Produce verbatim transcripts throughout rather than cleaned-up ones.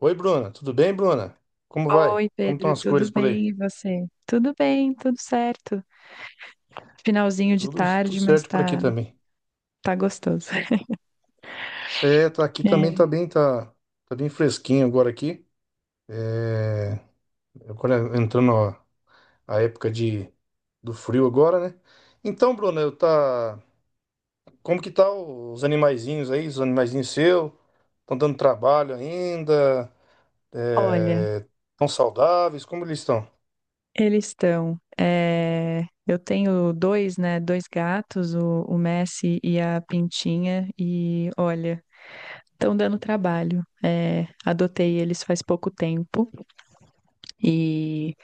Oi, Bruna. Tudo bem, Bruna? Como vai? Oi, Como estão Pedro, as tudo coisas por aí? bem? E você? Tudo bem, tudo certo. Finalzinho de Tudo, tudo tarde, mas certo por aqui tá, também. tá gostoso. É, tá aqui também É, tá bem, tá, tá bem fresquinho agora aqui. Agora entrando a, a época de, do frio agora, né? Então, Bruna, eu tá, como que tá os animaizinhos aí? Os animaizinhos seus? Estão dando trabalho ainda? Olha, É, estão saudáveis? Como eles estão? eles estão. É, eu tenho dois, né? Dois gatos, o, o Messi e a Pintinha, e olha, estão dando trabalho. É, adotei eles faz pouco tempo. e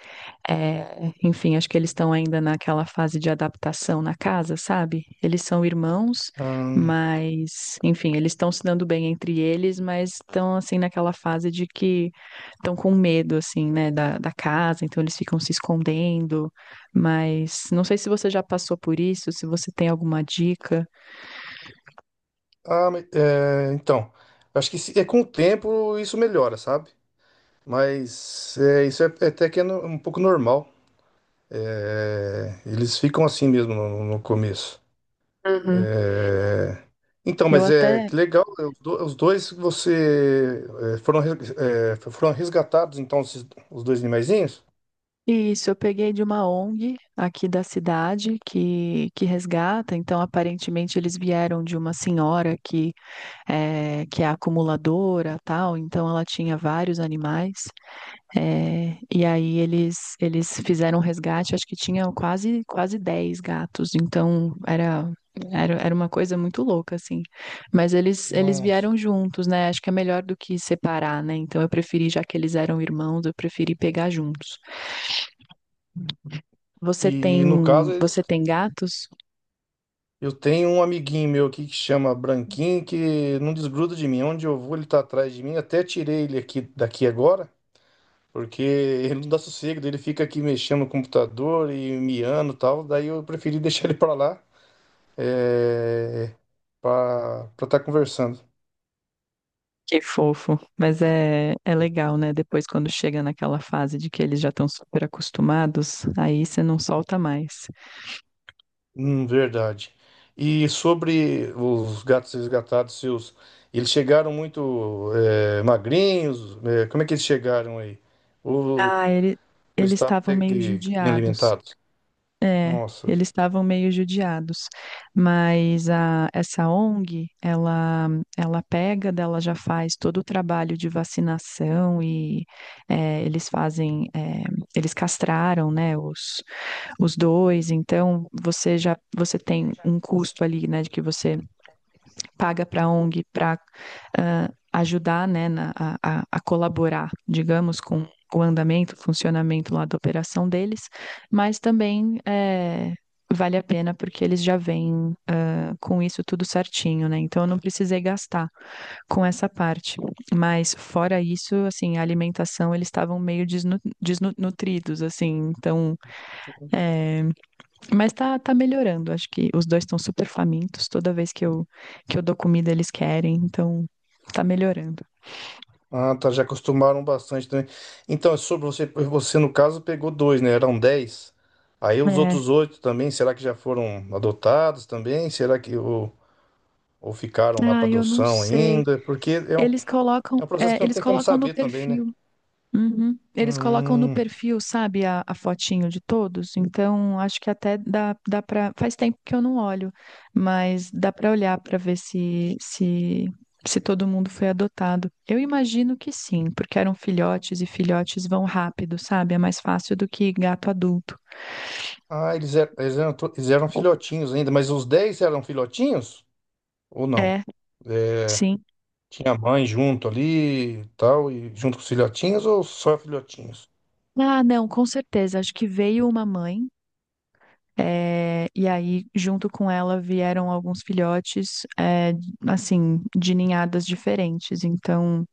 É, Enfim, acho que eles estão ainda naquela fase de adaptação na casa, sabe? Eles são irmãos, Hum, mas, enfim, eles estão se dando bem entre eles, mas estão, assim, naquela fase de que estão com medo, assim, né, da, da casa, então eles ficam se escondendo. Mas não sei se você já passou por isso, se você tem alguma dica. ah, mas, é, então, acho que se- é com o tempo isso melhora, sabe? Mas é, isso é é até que é no- um pouco normal. É, eles ficam assim mesmo no, no começo. Uhum. É, Então, Eu mas é até. que legal, é, os do- os dois que você é, foram, res- é, foram resgatados, então, esses- os dois animaizinhos? Isso, eu peguei de uma ONG aqui da cidade que, que resgata. Então, aparentemente, eles vieram de uma senhora que é, que é acumuladora, tal, então ela tinha vários animais. É, e aí eles eles fizeram um resgate, acho que tinha quase quase dez gatos, então era era, era uma coisa muito louca, assim. Mas eles, eles Nossa. vieram juntos, né? Acho que é melhor do que separar, né? Então eu preferi, já que eles eram irmãos, eu preferi pegar juntos. Você E tem, no caso, eles, Você tem gatos? eu tenho um amiguinho meu aqui que chama Branquinho, que não desgruda de mim. Onde eu vou, ele tá atrás de mim. Até tirei ele aqui daqui agora. Porque ele não dá sossego, daí ele fica aqui mexendo no computador e miando e tal. Daí eu preferi deixar ele pra lá é, para estar conversando. Que fofo, mas é, é legal, né? Depois, quando chega naquela fase de que eles já estão super acostumados, aí você não solta mais. Hum, verdade. E sobre os gatos resgatados seus, eles chegaram muito é, magrinhos? É, como é que eles chegaram aí? Ou, ou Ah, ele, eles Eles estavam estavam até meio que bem judiados. alimentados? É, Nossa, eles estavam meio judiados. Mas a, essa ONG, ela, ela pega, dela já faz todo o trabalho de vacinação e é, eles fazem, é, eles castraram, né, os, os dois. Então, você já, você tem um custo ali, né, de que você paga para a ONG para uh, ajudar, né, na, a, a colaborar, digamos, com o andamento, o funcionamento lá da operação deles, mas também é, vale a pena porque eles já vêm uh, com isso tudo certinho, né? Então eu não precisei gastar com essa parte. Mas fora isso, assim, a alimentação, eles estavam meio desnu desnutridos, assim, então é, mas tá, tá melhorando. Acho que os dois estão super famintos. Toda vez que eu, que eu dou comida, eles querem. Então, tá melhorando. ah, tá, já acostumaram bastante também. Então, é sobre você, você no caso pegou dois, né? Eram dez. Aí os É. outros oito também, será que já foram adotados também? Será que ou, ou ficaram lá para Ah, eu não adoção sei. ainda? Porque é um, Eles colocam, é um processo é, que não Eles tem como colocam no saber também, né? perfil. Uhum. Eles colocam no Hum. perfil, sabe, a, a fotinho de todos. Então, acho que até dá, dá para. Faz tempo que eu não olho, mas dá para olhar para ver se, se, se todo mundo foi adotado. Eu imagino que sim, porque eram filhotes e filhotes vão rápido, sabe? É mais fácil do que gato adulto. Ah, eles eram, eles eram, to- eles eram filhotinhos ainda, mas os dez eram filhotinhos ou não? É, É, sim. tinha a mãe junto ali e tal, e junto com os filhotinhos ou só filhotinhos? Ah, não, com certeza. Acho que veio uma mãe. É, e aí, junto com ela, vieram alguns filhotes, é, assim, de ninhadas diferentes. Então,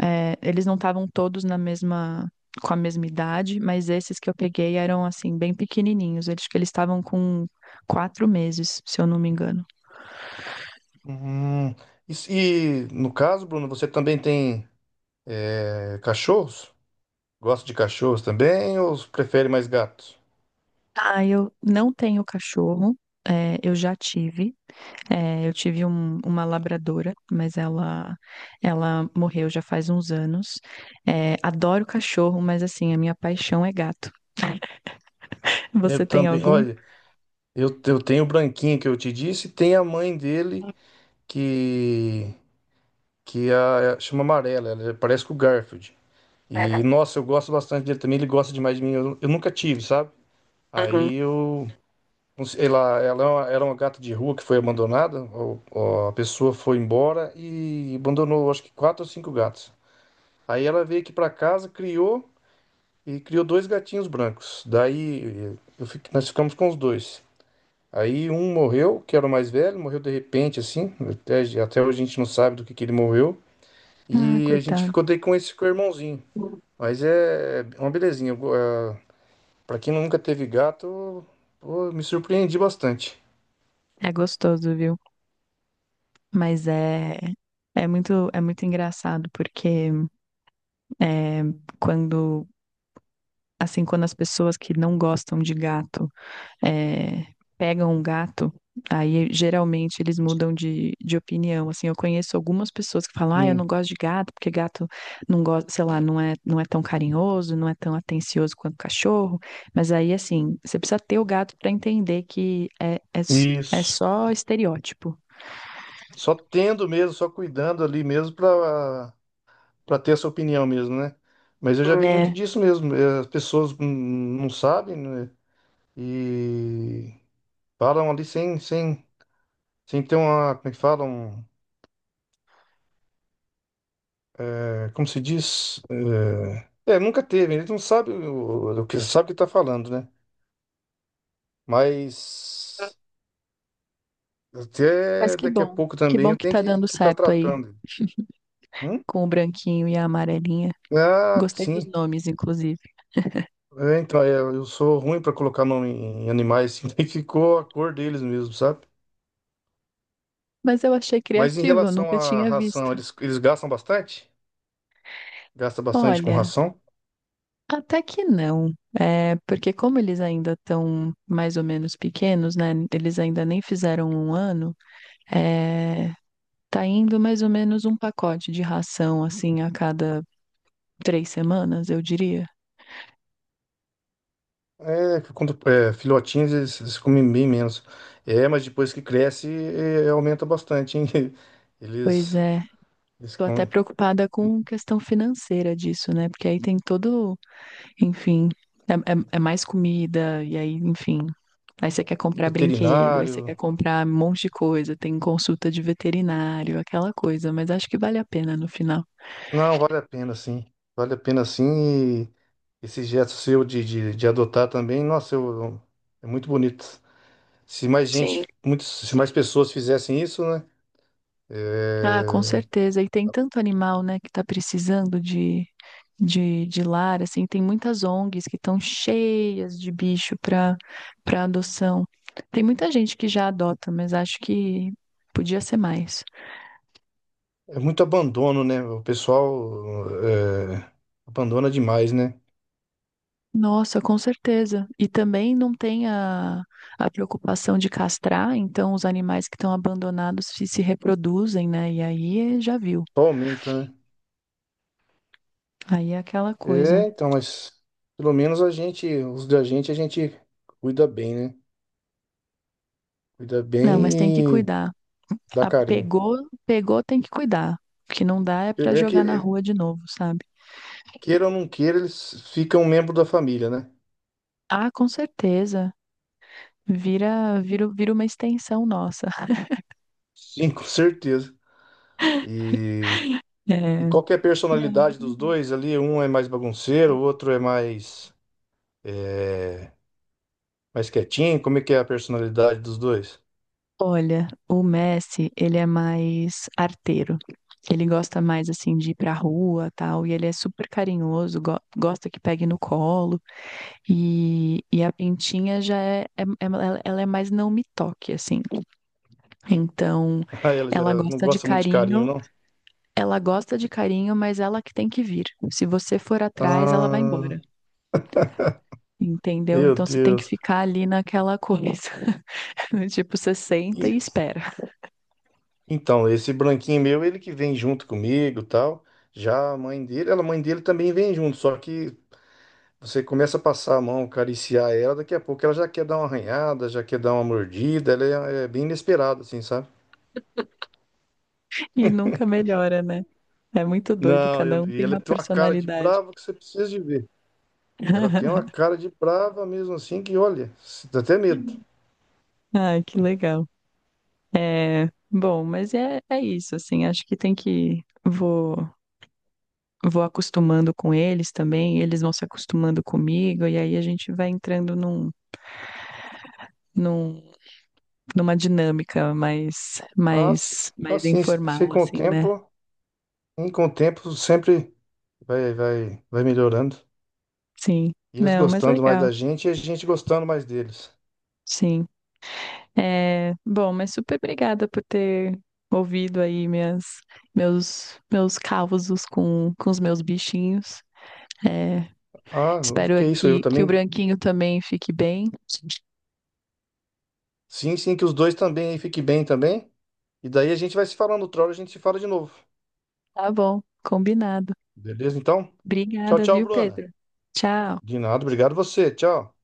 é, eles não estavam todos na mesma, com a mesma idade, mas esses que eu peguei eram, assim, bem pequenininhos. Eles, eles estavam com quatro meses, se eu não me engano. Hum, e, se- e, no caso, Bruno, você também tem é, cachorros? Gosta de cachorros também ou prefere mais gatos? Ah, eu não tenho cachorro, é, eu já tive. É, eu tive um- uma labradora, mas ela ela morreu já faz uns anos. É, adoro cachorro, mas assim, a minha paixão é gato. Você Eu tem também, algum? olha, eu, eu tenho o branquinho que eu te disse, tem a mãe dele que, que é a, chama Amarela, ela é, parece com o Garfield. E nossa, eu gosto bastante dele também, ele gosta demais de mim, eu, eu nunca tive, sabe? Aí eu não sei. Ela, ela é uma- era uma gata de rua que foi abandonada. o- o- A pessoa foi embora e abandonou, acho que quatro ou cinco gatos. Aí ela veio aqui pra casa, criou e criou dois gatinhos brancos. Daí eu fiquei- nós ficamos com os dois. Aí um morreu, que era o mais velho, morreu de repente, assim. Até, até hoje a gente não sabe do que, que ele morreu. Ah, E a gente coitado. ficou daí com esse com o irmãozinho. Mas é é uma belezinha. eu go- é, Pra quem nunca teve gato, pô, me surpreendi bastante. É gostoso, viu? Mas é é muito é muito engraçado porque é, quando assim, quando as pessoas que não gostam de gato é, pegam um gato, aí geralmente eles mudam de, de opinião. Assim, eu conheço algumas pessoas que falam, ah, eu não Sim, gosto de gato, porque gato não gosta, sei lá, não é, não é tão carinhoso, não é tão atencioso quanto cachorro. Mas aí, assim, você precisa ter o gato para entender que é, é, s- é isso. só estereótipo. Só tendo mesmo, só cuidando ali mesmo para para ter essa opinião mesmo, né? Mas eu já vi muito É. disso mesmo. eh, As pessoas hum, não sabem, né? E falam ali sem, sem, sem ter uma, como é que falam? É, como se diz? É, é, nunca teve, eles não sabem o, o que sabe o que está falando, né? Mas Mas até que daqui a bom, pouco que também bom eu que tenho tá que estar dando que tá certo aí tratando. Hum? com o branquinho e a amarelinha. Ah, Gostei dos sim. nomes, inclusive. É, então, é, eu sou ruim para colocar nome em animais, assim, daí ficou a cor deles mesmo, sabe? Mas eu achei Mas em criativo, eu relação nunca à tinha ração, visto. eles, eles gastam bastante? Gasta bastante com Olha. ração. Até que não, é, porque como eles ainda estão mais ou menos pequenos, né? Eles ainda nem fizeram um ano, é, tá indo mais ou menos um pacote de ração, assim, a cada três semanas, eu diria. É, quando, é, filhotinhos eles, eles comem bem menos. É, mas depois que cresce, é, é, aumenta bastante, hein? Pois Eles, é, eles tô até comem. preocupada com questão financeira disso, né? Porque aí tem todo, enfim, é, é- é mais comida, e aí, enfim, aí você quer comprar brinquedo, aí você Veterinário. quer comprar um monte de coisa, tem consulta de veterinário, aquela coisa, mas acho que vale a pena no final. Não, vale a pena sim. Vale a pena sim. E esse gesto seu de, de, de adotar também, nossa, eu, é muito bonito. Se mais Sim. gente, muitas, se mais pessoas fizessem isso, né? Ah, com certeza. E tem tanto animal, né, que tá precisando de, de, de lar, assim, tem muitas ONGs que estão cheias de bicho para para adoção. Tem muita gente que já adota, mas acho que podia ser mais. É muito abandono, né? O pessoal é, abandona demais, né? Nossa, com certeza. E também não tem a, a preocupação de castrar, então os animais que estão abandonados se, se reproduzem, né? E aí eh, já viu. Só aumenta, né? Aí é aquela coisa. É, então, mas pelo menos a gente, os da gente, a gente cuida bem, né? Cuida Não, mas tem que bem e cuidar. dá A- carinho. pegou, Pegou, tem que cuidar. O que não dá é pra É que, jogar na rua de novo, sabe? queira ou não queira, eles ficam membro da família, né? Ah, com certeza. Vira, vira, vira uma extensão nossa. Sim, com certeza. E, e É, qual que é a Não. personalidade dos dois ali? Um é mais bagunceiro, o outro é mais. eh, Mais quietinho? Como é que é a personalidade dos dois? Olha, o Messi, ele é mais arteiro. Ele gosta mais assim de ir pra rua, tal, e ele é super carinhoso, go- gosta que pegue no colo. E, e a pintinha já é, é- é- ela ela é mais não me toque assim. Então, Ah, ela já ela não gosta de gosta muito de carinho, carinho, não? ela gosta de carinho, mas ela que tem que vir. Se você for atrás, ela vai Ah, embora. Entendeu? meu Então você tem que Deus. ficar ali naquela coisa. Tipo, você senta E- e espera. Então, esse branquinho meu, ele que vem junto comigo, tal. Já a mãe dele, ela, a mãe dele também vem junto, só que você começa a passar a mão, acariciar ela, daqui a pouco ela já quer dar uma arranhada, já quer dar uma mordida, ela é, é bem inesperada, assim, sabe? E nunca melhora, né? É muito doido, Não, cada eu- um e tem ela uma tem uma cara de personalidade. brava que você precisa de ver. Ela tem uma cara de brava mesmo assim que, olha, dá até medo. Ai, que legal. É, bom, mas é, é isso, assim, acho que tem que vou vou acostumando com eles também, eles vão se acostumando comigo e aí a gente vai entrando num num numa dinâmica mais, Assim, mais, mais assim, se informal, com o assim, né? tempo, em com o tempo sempre vai, vai, vai melhorando. Sim. E eles Não, mas gostando mais legal. da gente e a gente gostando mais deles. Sim. É, bom, mas super obrigada por ter ouvido aí minhas, meus, meus causos com, com os meus bichinhos. É, Ah, não, espero que isso, eu aqui que o também. branquinho também fique bem. Sim, sim, que os dois também aí fiquem bem também. E daí a gente vai se falando, outra hora a gente se fala de novo. Tá bom, combinado. Beleza, então? Tchau, Obrigada, tchau, viu, Bruna. Pedro? Tchau. De nada, obrigado você. Tchau.